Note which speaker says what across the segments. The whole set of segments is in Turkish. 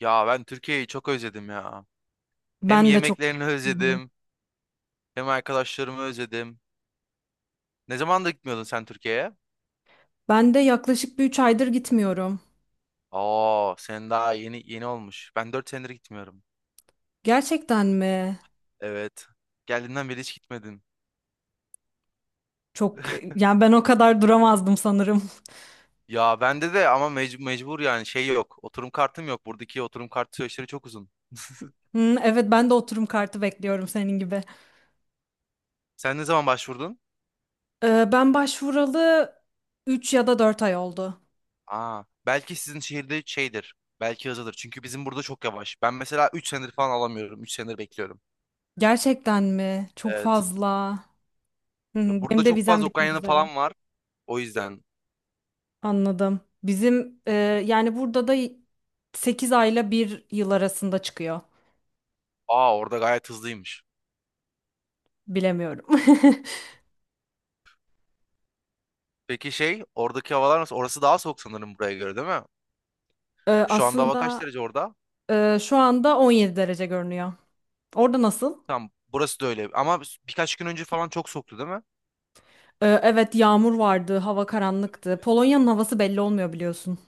Speaker 1: Ya ben Türkiye'yi çok özledim ya. Hem
Speaker 2: Ben de çok.
Speaker 1: yemeklerini
Speaker 2: Hı hı.
Speaker 1: özledim, hem arkadaşlarımı özledim. Ne zaman da gitmiyordun sen Türkiye'ye?
Speaker 2: Ben de yaklaşık bir 3 aydır gitmiyorum.
Speaker 1: Aa, sen daha yeni yeni olmuş. Ben 4 senedir gitmiyorum.
Speaker 2: Gerçekten mi?
Speaker 1: Evet. Geldiğinden beri hiç gitmedim.
Speaker 2: Çok. Yani ben o kadar duramazdım sanırım.
Speaker 1: Ya bende de ama mecbur yani şey yok. Oturum kartım yok. Buradaki oturum kartı süreçleri çok uzun.
Speaker 2: Hı, evet, ben de oturum kartı bekliyorum senin gibi.
Speaker 1: Sen ne zaman başvurdun?
Speaker 2: Ben başvuralı 3 ya da 4 ay oldu.
Speaker 1: Aa, belki sizin şehirde şeydir. Belki hızlıdır. Çünkü bizim burada çok yavaş. Ben mesela 3 senedir falan alamıyorum. 3 senedir bekliyorum.
Speaker 2: Gerçekten mi? Çok
Speaker 1: Evet.
Speaker 2: fazla. Hı,
Speaker 1: Ya
Speaker 2: hı,
Speaker 1: burada
Speaker 2: benim de
Speaker 1: çok
Speaker 2: vizem
Speaker 1: fazla
Speaker 2: bitmek
Speaker 1: Ukraynalı
Speaker 2: üzere.
Speaker 1: falan var. O yüzden
Speaker 2: Anladım. Bizim, yani burada da 8 ayla bir yıl arasında çıkıyor.
Speaker 1: aa orada gayet hızlıymış.
Speaker 2: Bilemiyorum.
Speaker 1: Peki şey oradaki havalar nasıl? Orası daha soğuk sanırım buraya göre değil mi? Şu anda hava kaç
Speaker 2: Aslında,
Speaker 1: derece orada?
Speaker 2: şu anda 17 derece görünüyor. Orada nasıl?
Speaker 1: Tamam burası da öyle. Ama birkaç gün önce falan çok soğuktu değil mi?
Speaker 2: Evet, yağmur vardı, hava karanlıktı. Polonya'nın havası belli olmuyor biliyorsun.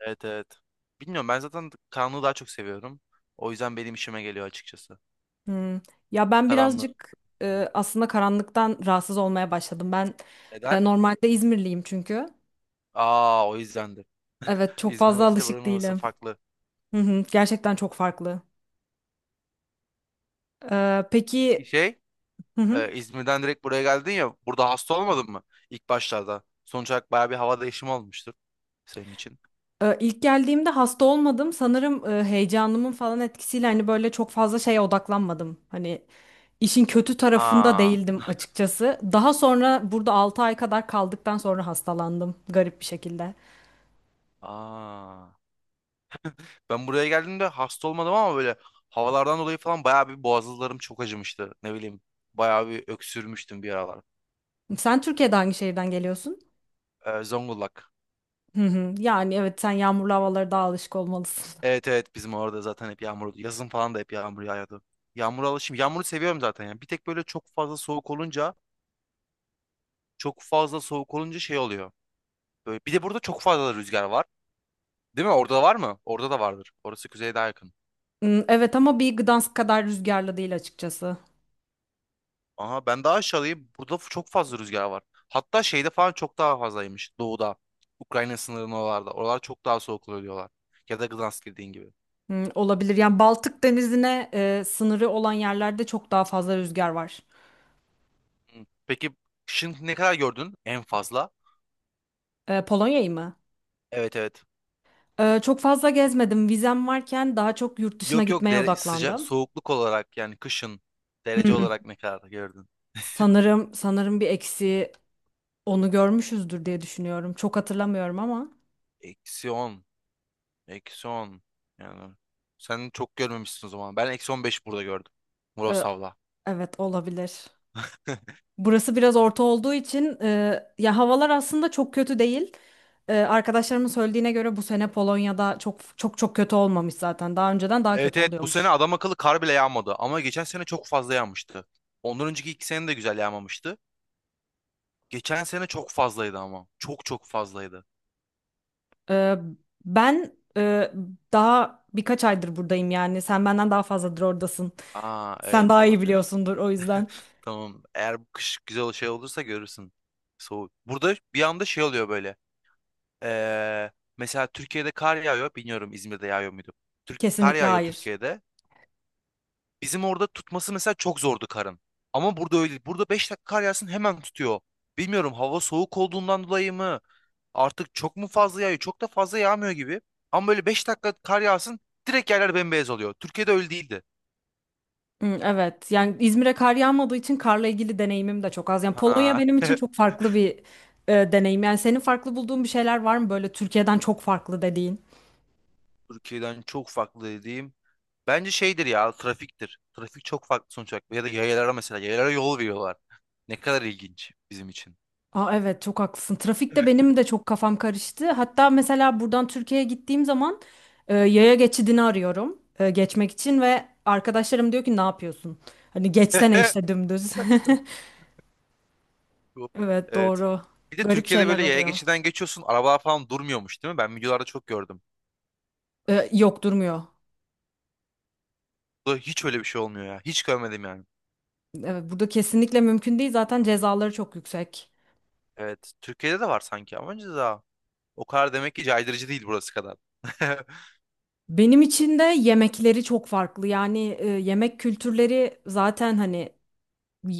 Speaker 1: Evet evet. Bilmiyorum ben zaten karanlığı daha çok seviyorum. O yüzden benim işime geliyor açıkçası.
Speaker 2: Hmm. Ya ben
Speaker 1: Karanlığı.
Speaker 2: birazcık, aslında karanlıktan rahatsız olmaya başladım. Ben,
Speaker 1: Neden?
Speaker 2: normalde İzmirliyim çünkü.
Speaker 1: Aa o yüzdendir.
Speaker 2: Evet, çok
Speaker 1: İzmir'in
Speaker 2: fazla
Speaker 1: havası ile
Speaker 2: alışık
Speaker 1: buranın havası
Speaker 2: değilim.
Speaker 1: farklı.
Speaker 2: Hı hı, gerçekten çok farklı.
Speaker 1: Peki
Speaker 2: Peki.
Speaker 1: şey
Speaker 2: Hı hı.
Speaker 1: İzmir'den direkt buraya geldin ya burada hasta olmadın mı? İlk başlarda. Sonuç olarak baya bir hava değişimi olmuştur senin için.
Speaker 2: İlk geldiğimde hasta olmadım. Sanırım, heyecanımın falan etkisiyle hani böyle çok fazla şeye odaklanmadım. Hani işin kötü tarafında
Speaker 1: Ha.
Speaker 2: değildim açıkçası. Daha sonra burada 6 ay kadar kaldıktan sonra hastalandım garip bir şekilde.
Speaker 1: Aa. Ben buraya geldiğimde hasta olmadım ama böyle havalardan dolayı falan bayağı bir boğazlarım çok acımıştı. Ne bileyim bayağı bir öksürmüştüm bir aralar.
Speaker 2: Sen Türkiye'de hangi şehirden geliyorsun?
Speaker 1: Zonguldak.
Speaker 2: Hı hı. Yani evet, sen yağmurlu havalara daha alışık olmalısın.
Speaker 1: Evet evet bizim orada zaten hep yağmur. Yazın falan da hep yağmur yağıyordu. Yağmura alışım. Yağmuru seviyorum zaten ya. Bir tek böyle çok fazla soğuk olunca çok fazla soğuk olunca şey oluyor. Böyle, bir de burada çok fazla rüzgar var. Değil mi? Orada var mı? Orada da vardır. Orası kuzeye daha yakın.
Speaker 2: Hmm, evet, ama bir Gdansk kadar rüzgarlı değil açıkçası.
Speaker 1: Aha ben daha aşağıdayım. Burada çok fazla rüzgar var. Hatta şeyde falan çok daha fazlaymış. Doğuda. Ukrayna sınırının oralarda. Oralar çok daha soğuk oluyor diyorlar. Ya da Gdansk dediğin gibi.
Speaker 2: Hmm, olabilir. Yani Baltık Denizi'ne, sınırı olan yerlerde çok daha fazla rüzgar var.
Speaker 1: Hı. Peki kışın ne kadar gördün en fazla?
Speaker 2: Polonya'yı mı?
Speaker 1: Evet evet.
Speaker 2: Çok fazla gezmedim. Vizem varken daha çok yurt dışına
Speaker 1: Yok yok
Speaker 2: gitmeye
Speaker 1: dere sıcak
Speaker 2: odaklandım.
Speaker 1: soğukluk olarak yani kışın derece
Speaker 2: Hmm.
Speaker 1: olarak ne kadar gördün?
Speaker 2: Sanırım bir eksiği onu görmüşüzdür diye düşünüyorum. Çok hatırlamıyorum ama,
Speaker 1: Eksi 10, Eksi 10. Yani sen çok görmemişsin o zaman. Ben eksi 15 burada gördüm.
Speaker 2: e,
Speaker 1: Murasav'la.
Speaker 2: evet, olabilir. Burası biraz orta olduğu için, ya havalar aslında çok kötü değil. Arkadaşlarımın söylediğine göre bu sene Polonya'da çok çok çok kötü olmamış zaten. Daha önceden daha
Speaker 1: Evet
Speaker 2: kötü
Speaker 1: evet bu sene
Speaker 2: oluyormuş.
Speaker 1: adam akıllı kar bile yağmadı ama geçen sene çok fazla yağmıştı. Ondan önceki iki sene de güzel yağmamıştı. Geçen sene çok fazlaydı ama. Çok çok fazlaydı.
Speaker 2: E, Ben, daha birkaç aydır buradayım yani. Sen benden daha fazladır oradasın.
Speaker 1: Aa
Speaker 2: Sen
Speaker 1: evet
Speaker 2: daha iyi
Speaker 1: olabilir.
Speaker 2: biliyorsundur o yüzden.
Speaker 1: Tamam eğer bu kış güzel şey olursa görürsün. Soğuk. Burada bir anda şey oluyor böyle. Ee, mesela Türkiye'de kar yağıyor. Bilmiyorum İzmir'de yağıyor muydu? Kar
Speaker 2: Kesinlikle
Speaker 1: yağıyor
Speaker 2: hayır.
Speaker 1: Türkiye'de. Bizim orada tutması mesela çok zordu karın. Ama burada öyle değil. Burada 5 dakika kar yağsın hemen tutuyor. Bilmiyorum hava soğuk olduğundan dolayı mı? Artık çok mu fazla yağıyor? Çok da fazla yağmıyor gibi. Ama böyle 5 dakika kar yağsın direkt yerler bembeyaz oluyor. Türkiye'de öyle değildi.
Speaker 2: Hı, evet, yani İzmir'e kar yağmadığı için karla ilgili deneyimim de çok az. Yani Polonya
Speaker 1: Ha.
Speaker 2: benim için çok farklı bir, deneyim. Yani senin farklı bulduğun bir şeyler var mı böyle Türkiye'den çok farklı dediğin?
Speaker 1: Türkiye'den çok farklı dediğim bence şeydir ya trafiktir. Trafik çok farklı sonuç olarak. Ya da yayalara mesela yayalara yol veriyorlar. Ne kadar ilginç bizim için.
Speaker 2: Aa, evet, çok haklısın. Trafikte benim de çok kafam karıştı. Hatta mesela buradan Türkiye'ye gittiğim zaman, yaya geçidini arıyorum, geçmek için ve arkadaşlarım diyor ki, ne yapıyorsun? Hani geçsene işte dümdüz.
Speaker 1: Yok.
Speaker 2: Evet,
Speaker 1: Evet.
Speaker 2: doğru.
Speaker 1: Bir de
Speaker 2: Garip
Speaker 1: Türkiye'de
Speaker 2: şeyler
Speaker 1: böyle yaya
Speaker 2: oluyor.
Speaker 1: geçiden geçiyorsun. Arabalar falan durmuyormuş değil mi? Ben videolarda çok gördüm.
Speaker 2: Yok, durmuyor.
Speaker 1: Burada hiç öyle bir şey olmuyor ya. Hiç görmedim yani.
Speaker 2: Evet, burada kesinlikle mümkün değil. Zaten cezaları çok yüksek.
Speaker 1: Evet. Türkiye'de de var sanki ama önce daha. O kadar demek ki caydırıcı değil burası kadar.
Speaker 2: Benim için de yemekleri çok farklı. Yani, yemek kültürleri zaten hani,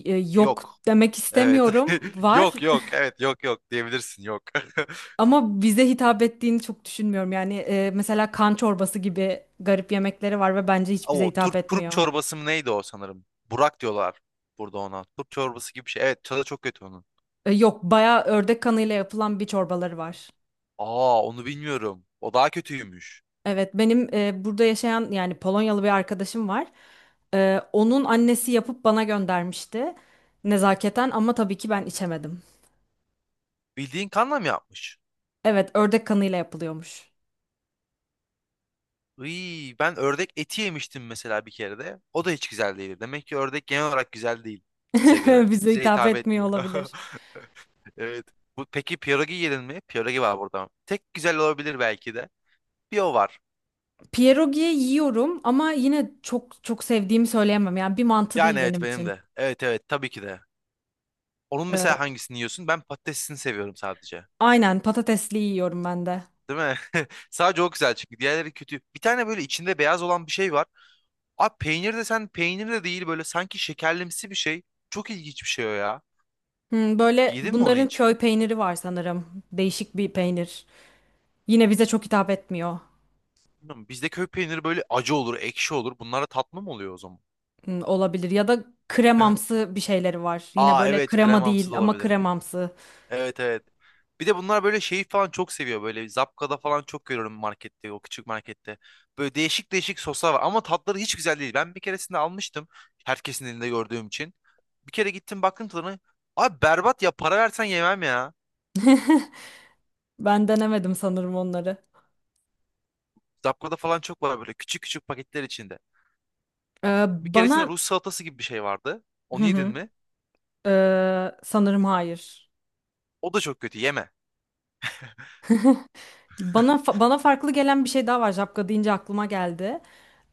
Speaker 2: yok
Speaker 1: Yok.
Speaker 2: demek
Speaker 1: Evet.
Speaker 2: istemiyorum. Var
Speaker 1: Yok yok. Evet yok yok diyebilirsin yok.
Speaker 2: ama bize hitap ettiğini çok düşünmüyorum. Yani, mesela kan çorbası gibi garip yemekleri var ve bence hiç bize
Speaker 1: O
Speaker 2: hitap
Speaker 1: turp, turp
Speaker 2: etmiyor.
Speaker 1: çorbası mı neydi o sanırım? Burak diyorlar burada ona. Turp çorbası gibi bir şey. Evet tadı çok kötü onun.
Speaker 2: Yok, bayağı ördek kanıyla yapılan bir çorbaları var.
Speaker 1: Aa onu bilmiyorum. O daha kötüymüş.
Speaker 2: Evet, benim, burada yaşayan yani Polonyalı bir arkadaşım var. Onun annesi yapıp bana göndermişti nezaketen, ama tabii ki ben içemedim.
Speaker 1: Bildiğin kanla mı yapmış?
Speaker 2: Evet, ördek kanıyla yapılıyormuş.
Speaker 1: Iy, ben ördek eti yemiştim mesela bir kere de. O da hiç güzel değildi. Demek ki ördek genel olarak güzel değil bize göre.
Speaker 2: Bize
Speaker 1: Bize
Speaker 2: hitap
Speaker 1: hitap
Speaker 2: etmiyor
Speaker 1: etmiyor.
Speaker 2: olabilir.
Speaker 1: Evet. Bu, peki pierogi yedin mi? Pierogi var burada. Tek güzel olabilir belki de. Bir o var.
Speaker 2: Pierogi yiyorum ama yine çok çok sevdiğimi söyleyemem. Yani bir mantı
Speaker 1: Yani
Speaker 2: değil benim
Speaker 1: evet benim
Speaker 2: için.
Speaker 1: de. Evet evet tabii ki de. Onun
Speaker 2: E,
Speaker 1: mesela hangisini yiyorsun? Ben patatesini seviyorum sadece.
Speaker 2: aynen, patatesli yiyorum ben de.
Speaker 1: Değil mi? Sadece o güzel çünkü diğerleri kötü. Bir tane böyle içinde beyaz olan bir şey var. Abi peynir de sen peynir de değil böyle sanki şekerlimsi bir şey. Çok ilginç bir şey o ya.
Speaker 2: Böyle
Speaker 1: Yedin mi onu
Speaker 2: bunların
Speaker 1: hiç?
Speaker 2: köy peyniri var sanırım. Değişik bir peynir. Yine bize çok hitap etmiyor.
Speaker 1: Bilmiyorum, bizde köy peyniri böyle acı olur, ekşi olur. Bunlara tatlı mı oluyor o zaman?
Speaker 2: Hmm, olabilir, ya da kremamsı bir şeyleri var. Yine
Speaker 1: Aa
Speaker 2: böyle
Speaker 1: evet
Speaker 2: krema
Speaker 1: kremamsı da
Speaker 2: değil ama
Speaker 1: olabilir.
Speaker 2: kremamsı.
Speaker 1: Evet evet. Bir de bunlar böyle şeyi falan çok seviyor. Böyle Zapkada falan çok görüyorum markette, o küçük markette. Böyle değişik değişik soslar var ama tatları hiç güzel değil. Ben bir keresinde almıştım. Herkesin elinde gördüğüm için. Bir kere gittim baktım tadına. Abi berbat ya para versen yemem ya.
Speaker 2: Ben denemedim sanırım onları.
Speaker 1: Zapkada falan çok var böyle küçük küçük paketler içinde.
Speaker 2: Ee,
Speaker 1: Bir keresinde
Speaker 2: Bana,
Speaker 1: Rus salatası gibi bir şey vardı.
Speaker 2: hı
Speaker 1: Onu yedin
Speaker 2: hı.
Speaker 1: mi?
Speaker 2: Sanırım hayır.
Speaker 1: O da çok kötü yeme.
Speaker 2: Bana farklı gelen bir şey daha var. Şapka deyince aklıma geldi.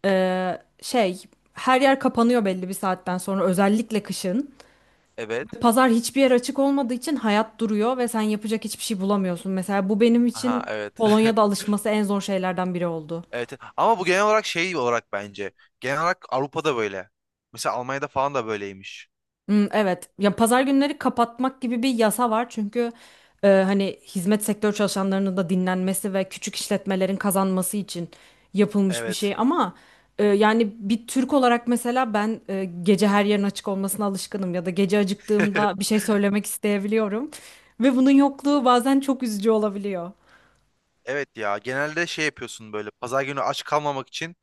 Speaker 2: Şey, her yer kapanıyor belli bir saatten sonra, özellikle kışın.
Speaker 1: Evet.
Speaker 2: Pazar hiçbir yer açık olmadığı için hayat duruyor ve sen yapacak hiçbir şey bulamıyorsun. Mesela bu benim
Speaker 1: Aha
Speaker 2: için
Speaker 1: evet.
Speaker 2: Polonya'da alışması en zor şeylerden biri oldu.
Speaker 1: Evet. Ama bu genel olarak şey olarak bence. Genel olarak Avrupa'da böyle. Mesela Almanya'da falan da böyleymiş.
Speaker 2: Hmm, evet. Ya pazar günleri kapatmak gibi bir yasa var, çünkü hani hizmet sektör çalışanlarının da dinlenmesi ve küçük işletmelerin kazanması için yapılmış bir
Speaker 1: Evet.
Speaker 2: şey. Ama yani bir Türk olarak mesela ben, gece her yerin açık olmasına alışkınım, ya da gece acıktığımda bir şey söylemek isteyebiliyorum ve bunun yokluğu bazen çok üzücü olabiliyor.
Speaker 1: Evet ya genelde şey yapıyorsun böyle pazar günü aç kalmamak için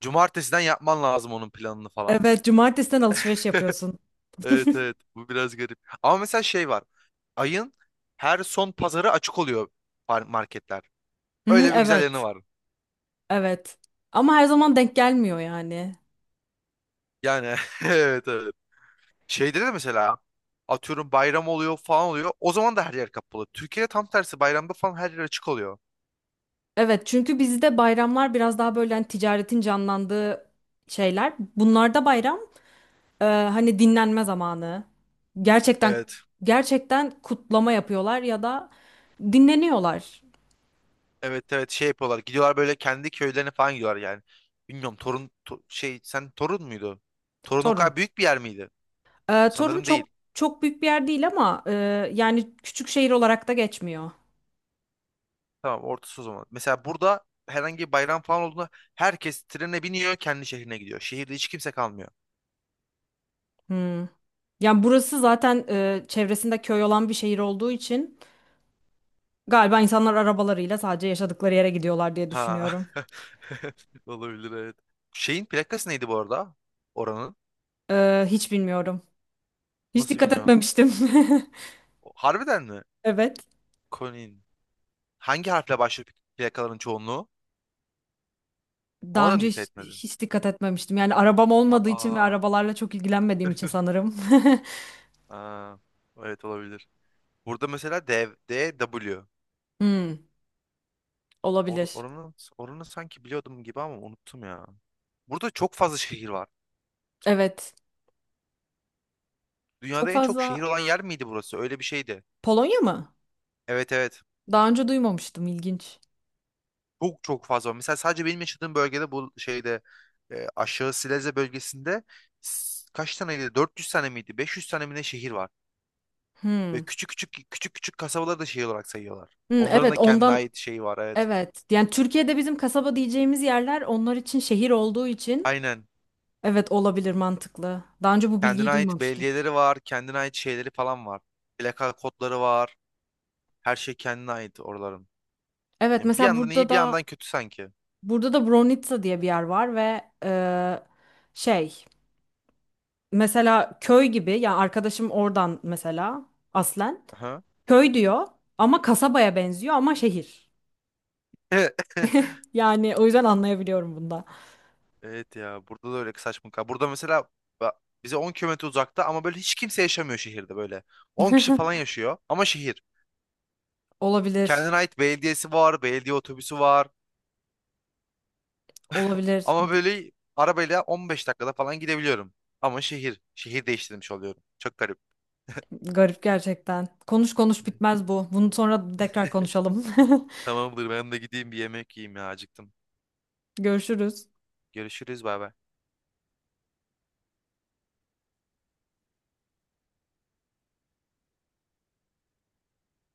Speaker 1: cumartesiden yapman lazım onun planını falan.
Speaker 2: Evet, cumartesiden alışveriş yapıyorsun.
Speaker 1: Evet evet bu biraz garip. Ama mesela şey var. Ayın her son pazarı açık oluyor marketler.
Speaker 2: Hı hı,
Speaker 1: Öyle bir güzel yanı
Speaker 2: evet.
Speaker 1: var.
Speaker 2: Evet. Ama her zaman denk gelmiyor yani.
Speaker 1: Yani evet evet. Şeyde de mesela atıyorum bayram oluyor falan oluyor. O zaman da her yer kapalı. Türkiye'de tam tersi bayramda falan her yer açık oluyor.
Speaker 2: Evet, çünkü bizde bayramlar biraz daha böyle hani ticaretin canlandığı şeyler. Bunlarda bayram, hani dinlenme zamanı. Gerçekten
Speaker 1: Evet.
Speaker 2: gerçekten kutlama yapıyorlar ya da dinleniyorlar.
Speaker 1: Evet evet şey yapıyorlar. Gidiyorlar böyle kendi köylerine falan gidiyorlar yani. Bilmiyorum şey sen Torun muydu? Torun o
Speaker 2: Torun.
Speaker 1: kadar büyük bir yer miydi?
Speaker 2: Torun
Speaker 1: Sanırım
Speaker 2: çok
Speaker 1: değil.
Speaker 2: çok büyük bir yer değil ama, yani küçük şehir olarak da geçmiyor.
Speaker 1: Tamam ortası o zaman. Mesela burada herhangi bir bayram falan olduğunda herkes trene biniyor kendi şehrine gidiyor. Şehirde hiç kimse kalmıyor.
Speaker 2: Hmm. Yani burası zaten, çevresinde köy olan bir şehir olduğu için galiba insanlar arabalarıyla sadece yaşadıkları yere gidiyorlar diye
Speaker 1: Ha.
Speaker 2: düşünüyorum.
Speaker 1: Olabilir evet. Şeyin plakası neydi bu arada? Oranın.
Speaker 2: Hiç bilmiyorum. Hiç
Speaker 1: Nasıl
Speaker 2: dikkat
Speaker 1: bilmiyorum.
Speaker 2: etmemiştim.
Speaker 1: Harbiden mi?
Speaker 2: Evet.
Speaker 1: Konin. Hangi harfle başlıyor plakaların çoğunluğu? Ona
Speaker 2: Daha
Speaker 1: da mı
Speaker 2: önce
Speaker 1: dikkat
Speaker 2: hiç,
Speaker 1: etmedin?
Speaker 2: hiç dikkat etmemiştim. Yani arabam olmadığı için ve
Speaker 1: Aa,
Speaker 2: arabalarla çok ilgilenmediğim için sanırım.
Speaker 1: aa. Evet olabilir. Burada mesela D, DW.
Speaker 2: Hmm,
Speaker 1: Or,
Speaker 2: olabilir.
Speaker 1: oranı, oranı sanki biliyordum gibi ama unuttum ya. Burada çok fazla şehir var.
Speaker 2: Evet. Çok
Speaker 1: Dünyada en çok şehir
Speaker 2: fazla.
Speaker 1: olan yer miydi burası? Öyle bir şeydi.
Speaker 2: Polonya mı?
Speaker 1: Evet evet.
Speaker 2: Daha önce duymamıştım. İlginç.
Speaker 1: Çok çok fazla var. Mesela sadece benim yaşadığım bölgede bu şeyde aşağı Silezya bölgesinde kaç taneydi? 400 tane miydi? 500 tane mi ne şehir var? Ve
Speaker 2: Hmm.
Speaker 1: küçük küçük küçük küçük kasabaları da şey olarak sayıyorlar.
Speaker 2: Hmm,
Speaker 1: Onların
Speaker 2: evet,
Speaker 1: da kendine
Speaker 2: ondan
Speaker 1: ait şeyi var evet.
Speaker 2: evet. Yani Türkiye'de bizim kasaba diyeceğimiz yerler onlar için şehir olduğu için,
Speaker 1: Aynen.
Speaker 2: evet, olabilir, mantıklı. Daha önce bu
Speaker 1: Kendine
Speaker 2: bilgiyi
Speaker 1: ait
Speaker 2: duymamıştım.
Speaker 1: belediyeleri var, kendine ait şeyleri falan var. Plaka kodları var. Her şey kendine ait oraların.
Speaker 2: Evet,
Speaker 1: Yani bir
Speaker 2: mesela
Speaker 1: yandan
Speaker 2: burada
Speaker 1: iyi bir
Speaker 2: da
Speaker 1: yandan kötü sanki.
Speaker 2: burada da Bronitsa diye bir yer var ve, şey, mesela köy gibi, yani arkadaşım oradan, mesela aslen
Speaker 1: Aha.
Speaker 2: köy diyor ama kasabaya benziyor ama şehir. Yani o yüzden anlayabiliyorum bunda.
Speaker 1: Evet ya burada da öyle saçma. Burada mesela ba- bize 10 kilometre uzakta ama böyle hiç kimse yaşamıyor şehirde böyle. 10 kişi falan yaşıyor ama şehir.
Speaker 2: Olabilir.
Speaker 1: Kendine ait belediyesi var, belediye otobüsü var.
Speaker 2: Olabilir.
Speaker 1: Ama böyle arabayla 15 dakikada falan gidebiliyorum. Ama şehir, şehir değiştirmiş oluyorum. Çok garip.
Speaker 2: Garip gerçekten. Konuş konuş bitmez bu. Bunu sonra tekrar konuşalım.
Speaker 1: Tamamdır ben de gideyim bir yemek yiyeyim ya acıktım.
Speaker 2: Görüşürüz.
Speaker 1: Görüşürüz bay bay.